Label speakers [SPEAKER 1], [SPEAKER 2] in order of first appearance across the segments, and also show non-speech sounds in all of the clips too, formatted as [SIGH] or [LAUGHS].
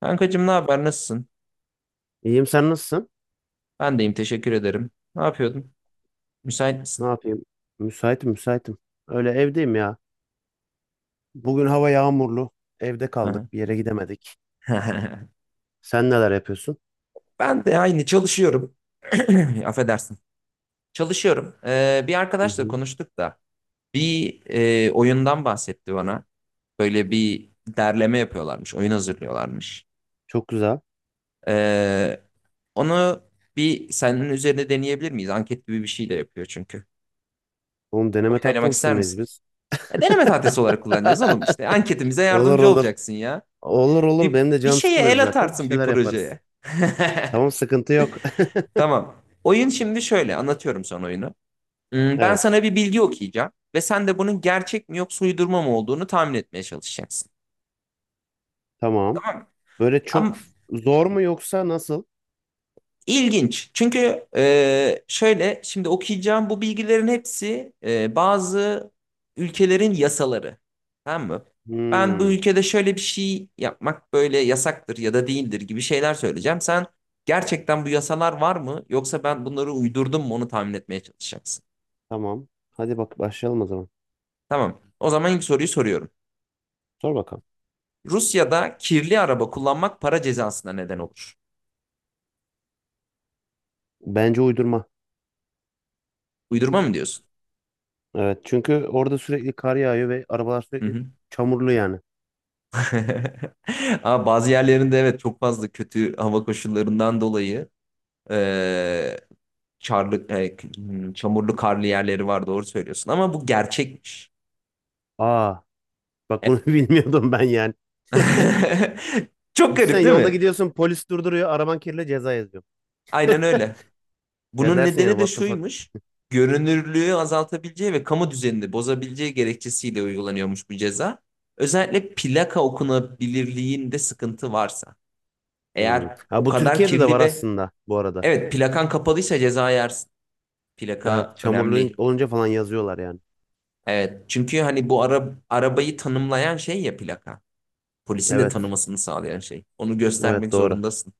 [SPEAKER 1] Kankacığım ne haber? Nasılsın?
[SPEAKER 2] İyiyim, sen nasılsın?
[SPEAKER 1] Ben deyim teşekkür ederim. Ne yapıyordun? Müsait
[SPEAKER 2] Ne
[SPEAKER 1] misin?
[SPEAKER 2] yapayım? Müsaitim müsaitim. Öyle evdeyim ya. Bugün hava yağmurlu. Evde
[SPEAKER 1] Aha.
[SPEAKER 2] kaldık, bir yere gidemedik.
[SPEAKER 1] [LAUGHS]
[SPEAKER 2] Sen neler yapıyorsun?
[SPEAKER 1] Ben de aynı çalışıyorum. [CLEARS THROAT] Affedersin. Çalışıyorum. Bir
[SPEAKER 2] Hı
[SPEAKER 1] arkadaşla
[SPEAKER 2] hı.
[SPEAKER 1] konuştuk da bir oyundan bahsetti bana. Böyle bir derleme yapıyorlarmış. Oyun hazırlıyorlarmış.
[SPEAKER 2] Çok güzel.
[SPEAKER 1] Ee, Onu bir senin üzerine deneyebilir miyiz? Anket gibi bir şey de yapıyor çünkü.
[SPEAKER 2] Oğlum deneme
[SPEAKER 1] Oyun oynamak
[SPEAKER 2] tatlısı
[SPEAKER 1] ister
[SPEAKER 2] mıyız
[SPEAKER 1] misin?
[SPEAKER 2] biz? [LAUGHS]
[SPEAKER 1] Deneme tahtası olarak kullanacağız oğlum işte. Anketimize
[SPEAKER 2] Olur
[SPEAKER 1] yardımcı
[SPEAKER 2] olur.
[SPEAKER 1] olacaksın ya.
[SPEAKER 2] Olur olur.
[SPEAKER 1] Bir,
[SPEAKER 2] Benim de
[SPEAKER 1] bir
[SPEAKER 2] canım
[SPEAKER 1] şeye
[SPEAKER 2] sıkılıyor
[SPEAKER 1] el
[SPEAKER 2] zaten, bir
[SPEAKER 1] atarsın bir
[SPEAKER 2] şeyler yaparız.
[SPEAKER 1] projeye. [LAUGHS]
[SPEAKER 2] Tamam, sıkıntı yok. [LAUGHS]
[SPEAKER 1] Tamam. Oyun şimdi şöyle anlatıyorum sana oyunu. Ben
[SPEAKER 2] Evet.
[SPEAKER 1] sana bir bilgi okuyacağım ve sen de bunun gerçek mi yoksa uydurma mı olduğunu tahmin etmeye çalışacaksın.
[SPEAKER 2] Tamam. Böyle çok
[SPEAKER 1] Ama
[SPEAKER 2] zor mu yoksa nasıl?
[SPEAKER 1] İlginç. Çünkü şöyle şimdi okuyacağım, bu bilgilerin hepsi bazı ülkelerin yasaları. Tamam mı? Ben bu
[SPEAKER 2] Hmm,
[SPEAKER 1] ülkede şöyle bir şey yapmak böyle yasaktır ya da değildir gibi şeyler söyleyeceğim. Sen gerçekten bu yasalar var mı yoksa ben bunları uydurdum mu onu tahmin etmeye çalışacaksın.
[SPEAKER 2] tamam. Hadi bak, başlayalım o zaman.
[SPEAKER 1] Tamam. O zaman ilk soruyu soruyorum.
[SPEAKER 2] Sor bakalım.
[SPEAKER 1] Rusya'da kirli araba kullanmak para cezasına neden olur.
[SPEAKER 2] Bence uydurma.
[SPEAKER 1] Uydurma mı diyorsun?
[SPEAKER 2] Evet, çünkü orada sürekli kar yağıyor ve arabalar
[SPEAKER 1] Hı
[SPEAKER 2] sürekli
[SPEAKER 1] hı.
[SPEAKER 2] çamurlu yani.
[SPEAKER 1] [LAUGHS] Ama bazı yerlerinde, evet, çok fazla kötü hava koşullarından dolayı e, çamurlu karlı yerleri var, doğru söylüyorsun. Ama bu gerçekmiş.
[SPEAKER 2] Aa, bak
[SPEAKER 1] Evet.
[SPEAKER 2] bunu [LAUGHS] bilmiyordum ben yani.
[SPEAKER 1] [LAUGHS] Çok
[SPEAKER 2] Sen
[SPEAKER 1] garip değil
[SPEAKER 2] yolda
[SPEAKER 1] mi?
[SPEAKER 2] gidiyorsun, polis durduruyor, araban kirli, ceza yazıyor.
[SPEAKER 1] Aynen öyle.
[SPEAKER 2] Ya
[SPEAKER 1] Bunun
[SPEAKER 2] dersin yani,
[SPEAKER 1] nedeni de
[SPEAKER 2] what the fuck.
[SPEAKER 1] şuymuş. Görünürlüğü azaltabileceği ve kamu düzenini bozabileceği gerekçesiyle uygulanıyormuş bu ceza. Özellikle plaka okunabilirliğinde sıkıntı varsa.
[SPEAKER 2] Hmm.
[SPEAKER 1] Eğer
[SPEAKER 2] Ha,
[SPEAKER 1] o
[SPEAKER 2] bu
[SPEAKER 1] kadar
[SPEAKER 2] Türkiye'de de
[SPEAKER 1] kirli
[SPEAKER 2] var
[SPEAKER 1] ve,
[SPEAKER 2] aslında bu arada.
[SPEAKER 1] evet, plakan kapalıysa ceza yersin.
[SPEAKER 2] Evet,
[SPEAKER 1] Plaka
[SPEAKER 2] çamurlu
[SPEAKER 1] önemli.
[SPEAKER 2] olunca falan yazıyorlar yani.
[SPEAKER 1] Evet. Çünkü hani bu arabayı tanımlayan şey ya, plaka. Polisin de
[SPEAKER 2] Evet,
[SPEAKER 1] tanımasını sağlayan şey. Onu
[SPEAKER 2] evet,
[SPEAKER 1] göstermek
[SPEAKER 2] doğru.
[SPEAKER 1] zorundasın.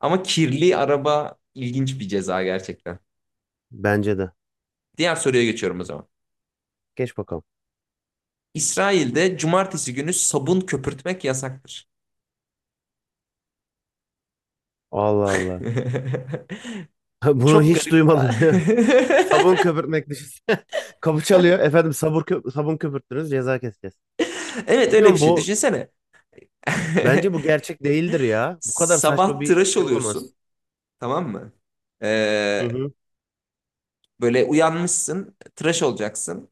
[SPEAKER 1] Ama kirli araba ilginç bir ceza gerçekten.
[SPEAKER 2] Bence de.
[SPEAKER 1] Diğer soruya geçiyorum o zaman.
[SPEAKER 2] Geç bakalım.
[SPEAKER 1] İsrail'de cumartesi günü sabun köpürtmek yasaktır.
[SPEAKER 2] Allah Allah.
[SPEAKER 1] [LAUGHS]
[SPEAKER 2] [LAUGHS] Bunu
[SPEAKER 1] Çok
[SPEAKER 2] hiç
[SPEAKER 1] garip.
[SPEAKER 2] duymadım [LAUGHS] ya. Sabun
[SPEAKER 1] [LAUGHS]
[SPEAKER 2] köpürtmek, düşünsene. [LAUGHS] Kapı çalıyor. Efendim, sabun köpürttünüz, ceza keseceğiz.
[SPEAKER 1] Evet,
[SPEAKER 2] Biliyor
[SPEAKER 1] öyle bir şey.
[SPEAKER 2] musun?
[SPEAKER 1] Düşünsene.
[SPEAKER 2] Bence bu
[SPEAKER 1] [LAUGHS]
[SPEAKER 2] gerçek değildir ya. Bu kadar saçma
[SPEAKER 1] Sabah
[SPEAKER 2] bir
[SPEAKER 1] tıraş
[SPEAKER 2] şey olamaz.
[SPEAKER 1] oluyorsun. Tamam mı?
[SPEAKER 2] Hı
[SPEAKER 1] Ee,
[SPEAKER 2] hı.
[SPEAKER 1] Böyle uyanmışsın. Tıraş olacaksın.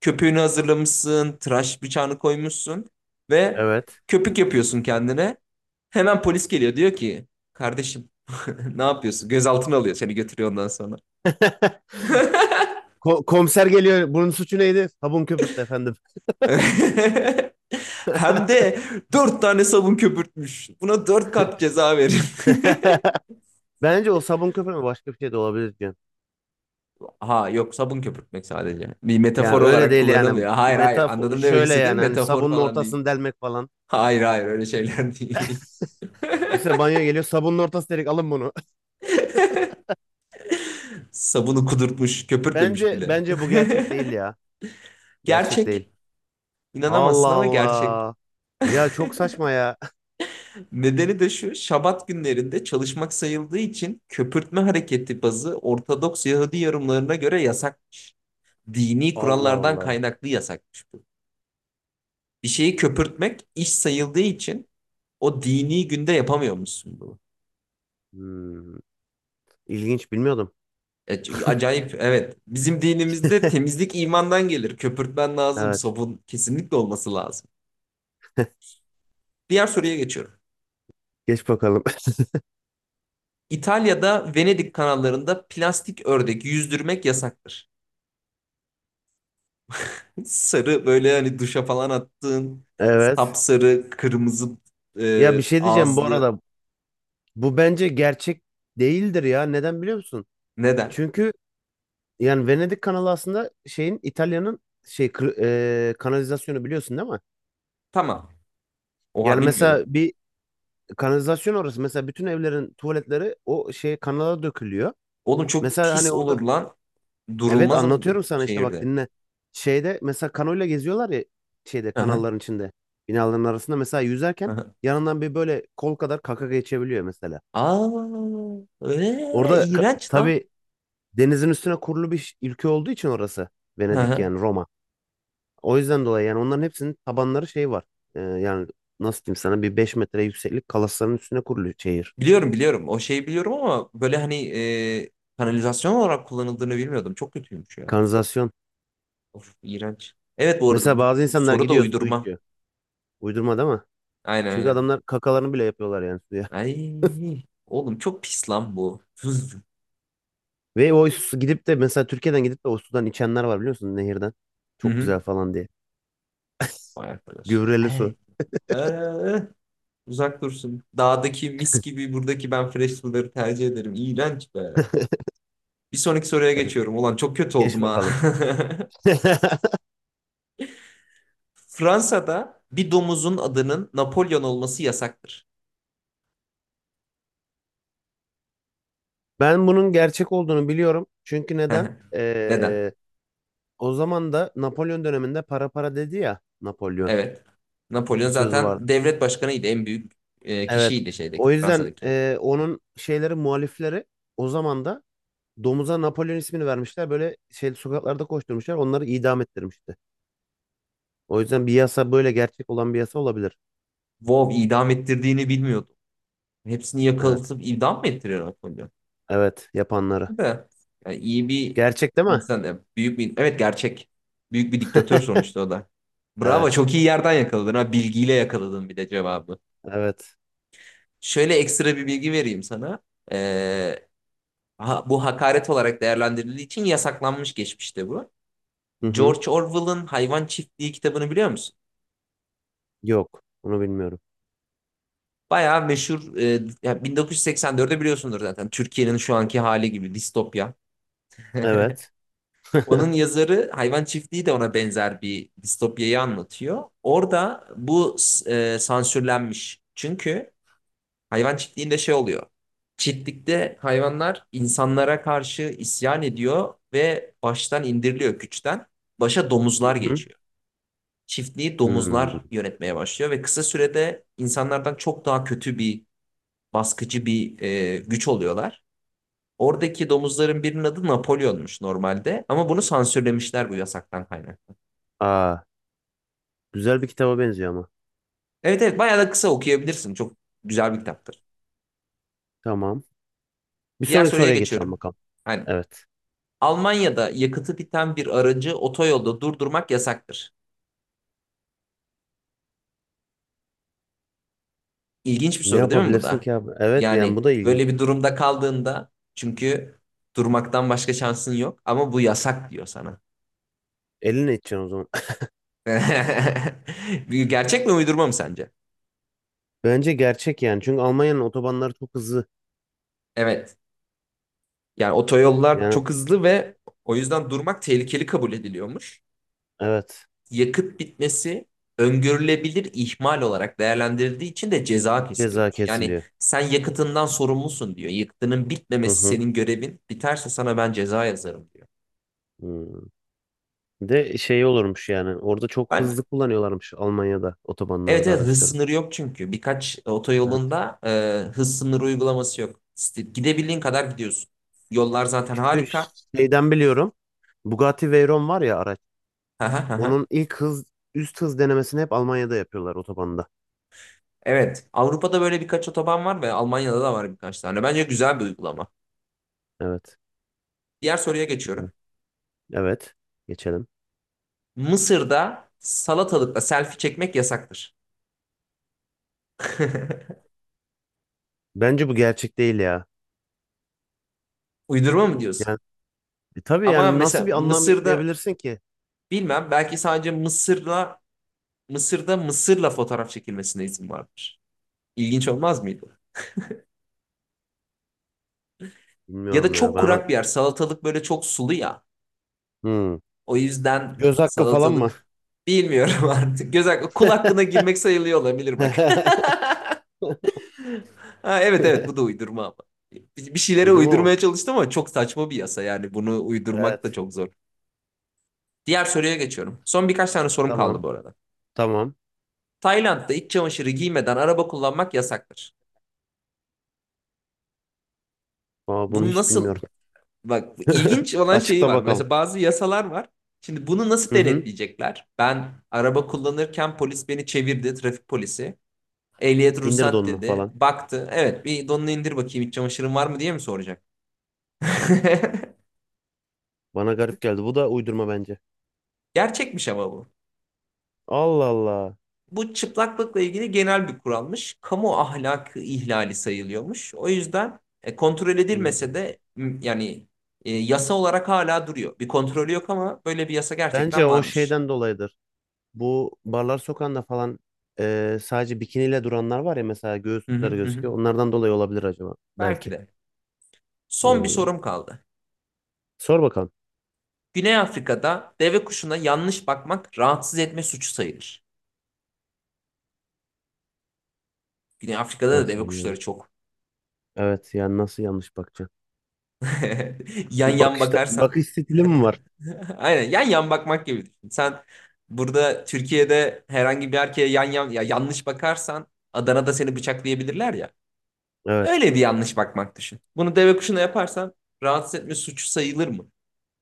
[SPEAKER 1] Köpüğünü hazırlamışsın, tıraş bıçağını koymuşsun ve
[SPEAKER 2] Evet.
[SPEAKER 1] köpük yapıyorsun kendine. Hemen polis geliyor, diyor ki kardeşim, [LAUGHS] ne yapıyorsun? Gözaltına alıyor, seni götürüyor ondan sonra.
[SPEAKER 2] [LAUGHS]
[SPEAKER 1] [LAUGHS]
[SPEAKER 2] Komiser geliyor. Bunun suçu neydi? Sabun köpürttü efendim.
[SPEAKER 1] Hem de dört tane sabun köpürtmüş. Buna dört kat ceza verin. [LAUGHS]
[SPEAKER 2] [LAUGHS] Bence o sabun köpürme başka bir şey de olabilir diyorum.
[SPEAKER 1] Ha yok, sabun köpürtmek sadece. Bir
[SPEAKER 2] Yani
[SPEAKER 1] metafor
[SPEAKER 2] öyle
[SPEAKER 1] olarak
[SPEAKER 2] değil yani.
[SPEAKER 1] kullanılmıyor. Hayır hayır,
[SPEAKER 2] Metafor
[SPEAKER 1] anladım, demek
[SPEAKER 2] şöyle
[SPEAKER 1] istediğim
[SPEAKER 2] yani, hani
[SPEAKER 1] metafor
[SPEAKER 2] sabunun
[SPEAKER 1] falan değil.
[SPEAKER 2] ortasını delmek falan.
[SPEAKER 1] Hayır hayır, öyle şeyler değil.
[SPEAKER 2] Mesela banyo geliyor, sabunun ortası delik, alın bunu.
[SPEAKER 1] [LAUGHS] Sabunu kudurtmuş,
[SPEAKER 2] [LAUGHS]
[SPEAKER 1] köpürtmemiş
[SPEAKER 2] Bence
[SPEAKER 1] bile.
[SPEAKER 2] bence bu gerçek değil
[SPEAKER 1] [LAUGHS]
[SPEAKER 2] ya. Gerçek değil.
[SPEAKER 1] Gerçek.
[SPEAKER 2] Allah
[SPEAKER 1] İnanamazsın ama gerçek.
[SPEAKER 2] Allah. Ya
[SPEAKER 1] [LAUGHS]
[SPEAKER 2] çok saçma ya.
[SPEAKER 1] Nedeni de şu: Şabat günlerinde çalışmak sayıldığı için köpürtme hareketi bazı Ortodoks Yahudi yorumlarına göre yasakmış. Dini
[SPEAKER 2] [LAUGHS] Allah
[SPEAKER 1] kurallardan
[SPEAKER 2] Allah.
[SPEAKER 1] kaynaklı yasakmış bu. Bir şeyi köpürtmek iş sayıldığı için o dini günde yapamıyor musun bunu.
[SPEAKER 2] Hmm. İlginç, bilmiyordum.
[SPEAKER 1] Acayip, evet. Bizim dinimizde
[SPEAKER 2] [LAUGHS]
[SPEAKER 1] temizlik imandan gelir. Köpürtmen lazım.
[SPEAKER 2] Evet.
[SPEAKER 1] Sabun kesinlikle olması lazım. Diğer soruya geçiyorum.
[SPEAKER 2] Geç bakalım.
[SPEAKER 1] İtalya'da Venedik kanallarında plastik ördek yüzdürmek yasaktır. [LAUGHS] Sarı, böyle hani duşa falan attığın,
[SPEAKER 2] Evet.
[SPEAKER 1] sapsarı, kırmızı
[SPEAKER 2] Ya, bir şey diyeceğim bu
[SPEAKER 1] ağızlı.
[SPEAKER 2] arada. Bu bence gerçek değildir ya. Neden biliyor musun?
[SPEAKER 1] Neden?
[SPEAKER 2] Çünkü yani Venedik kanalı aslında şeyin, İtalya'nın şey kır- kanalizasyonu, biliyorsun değil mi?
[SPEAKER 1] Tamam. Oha,
[SPEAKER 2] Yani
[SPEAKER 1] bilmiyordum.
[SPEAKER 2] mesela bir kanalizasyon orası. Mesela bütün evlerin tuvaletleri o şey kanala dökülüyor.
[SPEAKER 1] Oğlum çok
[SPEAKER 2] Mesela hani
[SPEAKER 1] pis olur
[SPEAKER 2] orada.
[SPEAKER 1] lan.
[SPEAKER 2] Evet,
[SPEAKER 1] Durulmaz mı
[SPEAKER 2] anlatıyorum sana, işte bak,
[SPEAKER 1] şehirde?
[SPEAKER 2] dinle. Şeyde mesela kanoyla geziyorlar ya, şeyde
[SPEAKER 1] Aha,
[SPEAKER 2] kanalların içinde, binaların arasında mesela yüzerken
[SPEAKER 1] aha.
[SPEAKER 2] yanından bir böyle kol kadar kaka geçebiliyor mesela.
[SPEAKER 1] Aa,
[SPEAKER 2] Orada
[SPEAKER 1] iğrenç lan.
[SPEAKER 2] tabii, denizin üstüne kurulu bir ülke olduğu için orası, Venedik
[SPEAKER 1] Aha.
[SPEAKER 2] yani Roma. O yüzden dolayı yani onların hepsinin tabanları şey var. Yani nasıl diyeyim sana, bir 5 metre yükseklik kalasların üstüne kurulu şehir.
[SPEAKER 1] Biliyorum biliyorum. O şeyi biliyorum ama böyle hani kanalizasyon olarak kullanıldığını bilmiyordum. Çok kötüymüş ya.
[SPEAKER 2] Kanalizasyon.
[SPEAKER 1] Of, iğrenç. Evet, bu arada
[SPEAKER 2] Mesela bazı insanlar
[SPEAKER 1] soru da
[SPEAKER 2] gidiyor, su
[SPEAKER 1] uydurma.
[SPEAKER 2] içiyor. Uydurma değil mi?
[SPEAKER 1] Aynen
[SPEAKER 2] Çünkü
[SPEAKER 1] aynen.
[SPEAKER 2] adamlar kakalarını bile yapıyorlar yani suya.
[SPEAKER 1] Ay oğlum, çok pis lan bu. [LAUGHS]
[SPEAKER 2] [LAUGHS] Ve o su gidip de mesela Türkiye'den gidip de o sudan içenler var, biliyor musun, nehirden.
[SPEAKER 1] Hı
[SPEAKER 2] Çok
[SPEAKER 1] hı.
[SPEAKER 2] güzel falan diye.
[SPEAKER 1] Vay arkadaş.
[SPEAKER 2] Gübreli su.
[SPEAKER 1] Hey. Ee, Uzak dursun. Dağdaki mis gibi, buradaki, ben fresh suları tercih ederim. İğrenç be.
[SPEAKER 2] [LAUGHS]
[SPEAKER 1] Bir sonraki soruya
[SPEAKER 2] Evet,
[SPEAKER 1] geçiyorum. Ulan çok kötü
[SPEAKER 2] geç
[SPEAKER 1] oldum ha.
[SPEAKER 2] bakalım. [LAUGHS]
[SPEAKER 1] [LAUGHS] Fransa'da bir domuzun adının Napolyon olması yasaktır.
[SPEAKER 2] Ben bunun gerçek olduğunu biliyorum. Çünkü neden?
[SPEAKER 1] [LAUGHS] Neden?
[SPEAKER 2] O zaman da Napolyon döneminde para para dedi ya Napolyon.
[SPEAKER 1] Evet. Napolyon
[SPEAKER 2] Bir sözü
[SPEAKER 1] zaten
[SPEAKER 2] vardı.
[SPEAKER 1] devlet başkanıydı. En büyük
[SPEAKER 2] Evet.
[SPEAKER 1] kişiydi şeydeki,
[SPEAKER 2] O yüzden
[SPEAKER 1] Fransa'daki.
[SPEAKER 2] onun muhalifleri o zaman da domuza Napolyon ismini vermişler. Böyle şey sokaklarda koşturmuşlar. Onları idam ettirmişti. O yüzden bir yasa, böyle gerçek olan bir yasa olabilir.
[SPEAKER 1] Wow, idam ettirdiğini bilmiyordum. Hepsini
[SPEAKER 2] Evet.
[SPEAKER 1] yakalatıp idam mı ettiriyor Napolyon?
[SPEAKER 2] Evet, yapanları.
[SPEAKER 1] De, Yani iyi bir
[SPEAKER 2] Gerçek değil mi?
[SPEAKER 1] insan. Yani büyük bir, evet, gerçek. Büyük bir diktatör
[SPEAKER 2] [LAUGHS]
[SPEAKER 1] sonuçta o da. Bravo,
[SPEAKER 2] Evet.
[SPEAKER 1] çok iyi yerden yakaladın ha. Bilgiyle yakaladın bir de cevabı.
[SPEAKER 2] Evet.
[SPEAKER 1] Şöyle ekstra bir bilgi vereyim sana. Ee, Bu hakaret olarak değerlendirildiği için yasaklanmış geçmişte bu.
[SPEAKER 2] Hı hı.
[SPEAKER 1] George Orwell'ın Hayvan Çiftliği kitabını biliyor musun?
[SPEAKER 2] Yok. Onu bilmiyorum.
[SPEAKER 1] Bayağı meşhur. Ya 1984'te biliyorsundur zaten. Türkiye'nin şu anki hali gibi distopya. [LAUGHS]
[SPEAKER 2] Evet.
[SPEAKER 1] Onun yazarı. Hayvan Çiftliği de ona benzer bir distopyayı anlatıyor. Orada bu sansürlenmiş. Çünkü Hayvan Çiftliği'nde şey oluyor. Çiftlikte hayvanlar insanlara karşı isyan ediyor ve baştan indiriliyor güçten. Başa
[SPEAKER 2] Hı
[SPEAKER 1] domuzlar
[SPEAKER 2] hı.
[SPEAKER 1] geçiyor. Çiftliği
[SPEAKER 2] Hmm.
[SPEAKER 1] domuzlar yönetmeye başlıyor ve kısa sürede insanlardan çok daha kötü bir, baskıcı bir güç oluyorlar. Oradaki domuzların birinin adı Napolyon'muş normalde ama bunu sansürlemişler, bu yasaktan kaynaklı.
[SPEAKER 2] Aa, güzel bir kitaba benziyor ama.
[SPEAKER 1] Evet evet, bayağı da kısa, okuyabilirsin. Çok güzel bir kitaptır.
[SPEAKER 2] Tamam. Bir
[SPEAKER 1] Diğer
[SPEAKER 2] sonraki
[SPEAKER 1] soruya
[SPEAKER 2] soruya geçelim
[SPEAKER 1] geçiyorum.
[SPEAKER 2] bakalım.
[SPEAKER 1] Hani
[SPEAKER 2] Evet.
[SPEAKER 1] Almanya'da yakıtı biten bir aracı otoyolda durdurmak yasaktır. İlginç bir
[SPEAKER 2] Ne
[SPEAKER 1] soru değil mi bu
[SPEAKER 2] yapabilirsin
[SPEAKER 1] da?
[SPEAKER 2] ki abi? Evet yani
[SPEAKER 1] Yani
[SPEAKER 2] bu da ilginç.
[SPEAKER 1] böyle bir durumda kaldığında, çünkü durmaktan başka şansın yok ama bu yasak diyor sana.
[SPEAKER 2] Elinle edeceksin o zaman.
[SPEAKER 1] [LAUGHS] Gerçek mi uydurma mı sence?
[SPEAKER 2] [LAUGHS] Bence gerçek yani. Çünkü Almanya'nın otobanları çok hızlı.
[SPEAKER 1] Evet. Yani otoyollar
[SPEAKER 2] Yani
[SPEAKER 1] çok hızlı ve o yüzden durmak tehlikeli kabul ediliyormuş.
[SPEAKER 2] evet,
[SPEAKER 1] Yakıt bitmesi öngörülebilir ihmal olarak değerlendirildiği için de ceza
[SPEAKER 2] ceza
[SPEAKER 1] kesiliyormuş. Yani
[SPEAKER 2] kesiliyor.
[SPEAKER 1] sen yakıtından sorumlusun diyor. Yakıtının
[SPEAKER 2] Hı
[SPEAKER 1] bitmemesi
[SPEAKER 2] hı.
[SPEAKER 1] senin görevin. Biterse sana ben ceza yazarım diyor.
[SPEAKER 2] Hmm. Bir de şey olurmuş yani. Orada çok
[SPEAKER 1] Ben
[SPEAKER 2] hızlı kullanıyorlarmış, Almanya'da
[SPEAKER 1] evet
[SPEAKER 2] otobanlarda
[SPEAKER 1] evet, hız
[SPEAKER 2] araçları.
[SPEAKER 1] sınırı yok çünkü. Birkaç
[SPEAKER 2] Evet.
[SPEAKER 1] otoyolunda hız sınırı uygulaması yok. İşte gidebildiğin kadar gidiyorsun. Yollar zaten
[SPEAKER 2] Çünkü
[SPEAKER 1] harika.
[SPEAKER 2] şeyden biliyorum. Bugatti Veyron var ya, araç.
[SPEAKER 1] [LAUGHS] Hı hı hı hı.
[SPEAKER 2] Onun ilk hız üst hız denemesini hep Almanya'da yapıyorlar, otobanda.
[SPEAKER 1] Evet. Avrupa'da böyle birkaç otoban var ve Almanya'da da var birkaç tane. Bence güzel bir uygulama.
[SPEAKER 2] Evet.
[SPEAKER 1] Diğer soruya geçiyorum.
[SPEAKER 2] Güzel. Evet. Geçelim.
[SPEAKER 1] Mısır'da salatalıkla selfie çekmek yasaktır. [LAUGHS]
[SPEAKER 2] Bence bu gerçek değil ya.
[SPEAKER 1] Uydurma mı diyorsun?
[SPEAKER 2] Yani tabii
[SPEAKER 1] Ama
[SPEAKER 2] yani,
[SPEAKER 1] mesela
[SPEAKER 2] nasıl bir anlam
[SPEAKER 1] Mısır'da,
[SPEAKER 2] yükleyebilirsin ki?
[SPEAKER 1] bilmem, belki sadece Mısır'la, Mısır'da Mısır'la fotoğraf çekilmesine izin vardır. İlginç olmaz mıydı? Ya da
[SPEAKER 2] Bilmiyorum ya.
[SPEAKER 1] çok
[SPEAKER 2] Ben.
[SPEAKER 1] kurak bir yer. Salatalık böyle çok sulu ya.
[SPEAKER 2] Hmm.
[SPEAKER 1] O yüzden
[SPEAKER 2] Göz hakkı falan mı?
[SPEAKER 1] salatalık, bilmiyorum [LAUGHS] artık. Göz hakkı, kul hakkına girmek sayılıyor olabilir bak. [LAUGHS]
[SPEAKER 2] [LAUGHS]
[SPEAKER 1] Ha, evet evet, bu da uydurma ama. Bir şeylere
[SPEAKER 2] Uydurma mı?
[SPEAKER 1] uydurmaya çalıştım ama çok saçma bir yasa, yani bunu uydurmak da
[SPEAKER 2] Evet.
[SPEAKER 1] çok zor. Diğer soruya geçiyorum. Son birkaç tane sorum kaldı
[SPEAKER 2] Tamam.
[SPEAKER 1] bu arada.
[SPEAKER 2] Tamam.
[SPEAKER 1] Tayland'da iç çamaşırı giymeden araba kullanmak yasaktır.
[SPEAKER 2] Aa, bunu
[SPEAKER 1] Bunu
[SPEAKER 2] hiç
[SPEAKER 1] nasıl...
[SPEAKER 2] bilmiyorum.
[SPEAKER 1] Bak,
[SPEAKER 2] [LAUGHS]
[SPEAKER 1] ilginç olan şeyi
[SPEAKER 2] Açıkla
[SPEAKER 1] var.
[SPEAKER 2] bakalım.
[SPEAKER 1] Mesela bazı yasalar var. Şimdi bunu nasıl
[SPEAKER 2] Hı hı.
[SPEAKER 1] denetleyecekler? Ben araba kullanırken polis beni çevirdi, trafik polisi. Ehliyet
[SPEAKER 2] İndir
[SPEAKER 1] ruhsat
[SPEAKER 2] donunu
[SPEAKER 1] dedi.
[SPEAKER 2] falan.
[SPEAKER 1] Baktı. Evet, bir donunu indir bakayım iç çamaşırın var mı diye mi soracak? [LAUGHS]
[SPEAKER 2] Bana garip geldi. Bu da uydurma bence.
[SPEAKER 1] Gerçekmiş ama bu.
[SPEAKER 2] Allah Allah.
[SPEAKER 1] Bu çıplaklıkla ilgili genel bir kuralmış. Kamu ahlakı ihlali sayılıyormuş. O yüzden kontrol
[SPEAKER 2] Hı.
[SPEAKER 1] edilmese de yani yasa olarak hala duruyor. Bir kontrolü yok ama böyle bir yasa
[SPEAKER 2] Bence
[SPEAKER 1] gerçekten
[SPEAKER 2] o
[SPEAKER 1] varmış.
[SPEAKER 2] şeyden dolayıdır. Bu barlar sokağında falan sadece bikiniyle duranlar var ya, mesela
[SPEAKER 1] Hı hı.
[SPEAKER 2] göğüsleri
[SPEAKER 1] Hı.
[SPEAKER 2] gözüküyor. Onlardan dolayı olabilir acaba.
[SPEAKER 1] Belki
[SPEAKER 2] Belki.
[SPEAKER 1] de. Son bir
[SPEAKER 2] Hı.
[SPEAKER 1] sorum kaldı.
[SPEAKER 2] Sor bakalım.
[SPEAKER 1] Güney Afrika'da deve kuşuna yanlış bakmak rahatsız etme suçu sayılır. Güney Afrika'da da
[SPEAKER 2] Nasıl
[SPEAKER 1] deve
[SPEAKER 2] yani,
[SPEAKER 1] kuşları
[SPEAKER 2] yanlış?
[SPEAKER 1] çok.
[SPEAKER 2] Evet yani nasıl yanlış bakacaksın?
[SPEAKER 1] [LAUGHS] Yan
[SPEAKER 2] Bir
[SPEAKER 1] yan
[SPEAKER 2] bakışta
[SPEAKER 1] bakarsan.
[SPEAKER 2] bakış stili
[SPEAKER 1] [LAUGHS]
[SPEAKER 2] mi var?
[SPEAKER 1] Aynen, yan yan bakmak gibi düşün. Sen burada Türkiye'de herhangi bir erkeğe yan yan ya yanlış bakarsan Adana'da seni bıçaklayabilirler ya.
[SPEAKER 2] Evet,
[SPEAKER 1] Öyle bir yanlış bakmak düşün. Bunu deve kuşuna yaparsan rahatsız etme suçu sayılır mı?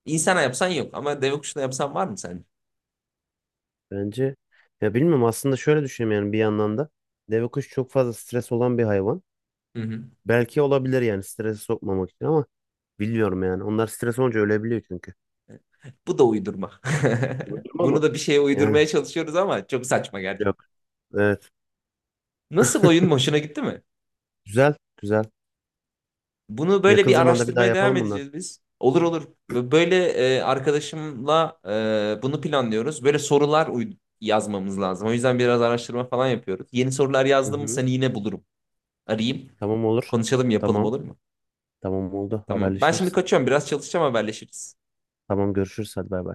[SPEAKER 1] İnsana yapsan yok ama deve kuşuna yapsan var mı sence?
[SPEAKER 2] bence ya, bilmiyorum aslında, şöyle düşünüyorum yani. Bir yandan da deve kuş çok fazla stres olan bir hayvan.
[SPEAKER 1] Hı hı.
[SPEAKER 2] Belki olabilir yani, strese sokmamak için, ama bilmiyorum yani. Onlar stres olunca ölebiliyor çünkü.
[SPEAKER 1] Bu da uydurma. [LAUGHS]
[SPEAKER 2] Öldürme
[SPEAKER 1] Bunu
[SPEAKER 2] ama.
[SPEAKER 1] da bir şeye
[SPEAKER 2] Yani
[SPEAKER 1] uydurmaya çalışıyoruz ama çok saçma, gerçek.
[SPEAKER 2] yok. Evet.
[SPEAKER 1] Nasıl, oyun hoşuna gitti mi?
[SPEAKER 2] Güzel, güzel.
[SPEAKER 1] Bunu böyle
[SPEAKER 2] Yakın
[SPEAKER 1] bir
[SPEAKER 2] zamanda bir daha
[SPEAKER 1] araştırmaya devam
[SPEAKER 2] yapalım bundan.
[SPEAKER 1] edeceğiz biz. Olur olur. Ve böyle arkadaşımla bunu planlıyoruz. Böyle sorular yazmamız lazım. O yüzden biraz araştırma falan yapıyoruz. Yeni sorular
[SPEAKER 2] Hı
[SPEAKER 1] yazdım mı
[SPEAKER 2] hı.
[SPEAKER 1] seni yine bulurum. Arayayım.
[SPEAKER 2] Tamam, olur.
[SPEAKER 1] Konuşalım, yapalım,
[SPEAKER 2] Tamam.
[SPEAKER 1] olur mu?
[SPEAKER 2] Tamam, oldu.
[SPEAKER 1] Tamam. Ben şimdi
[SPEAKER 2] Haberleşiriz.
[SPEAKER 1] kaçıyorum. Biraz çalışacağım, haberleşiriz.
[SPEAKER 2] Tamam, görüşürüz. Hadi, bay bay.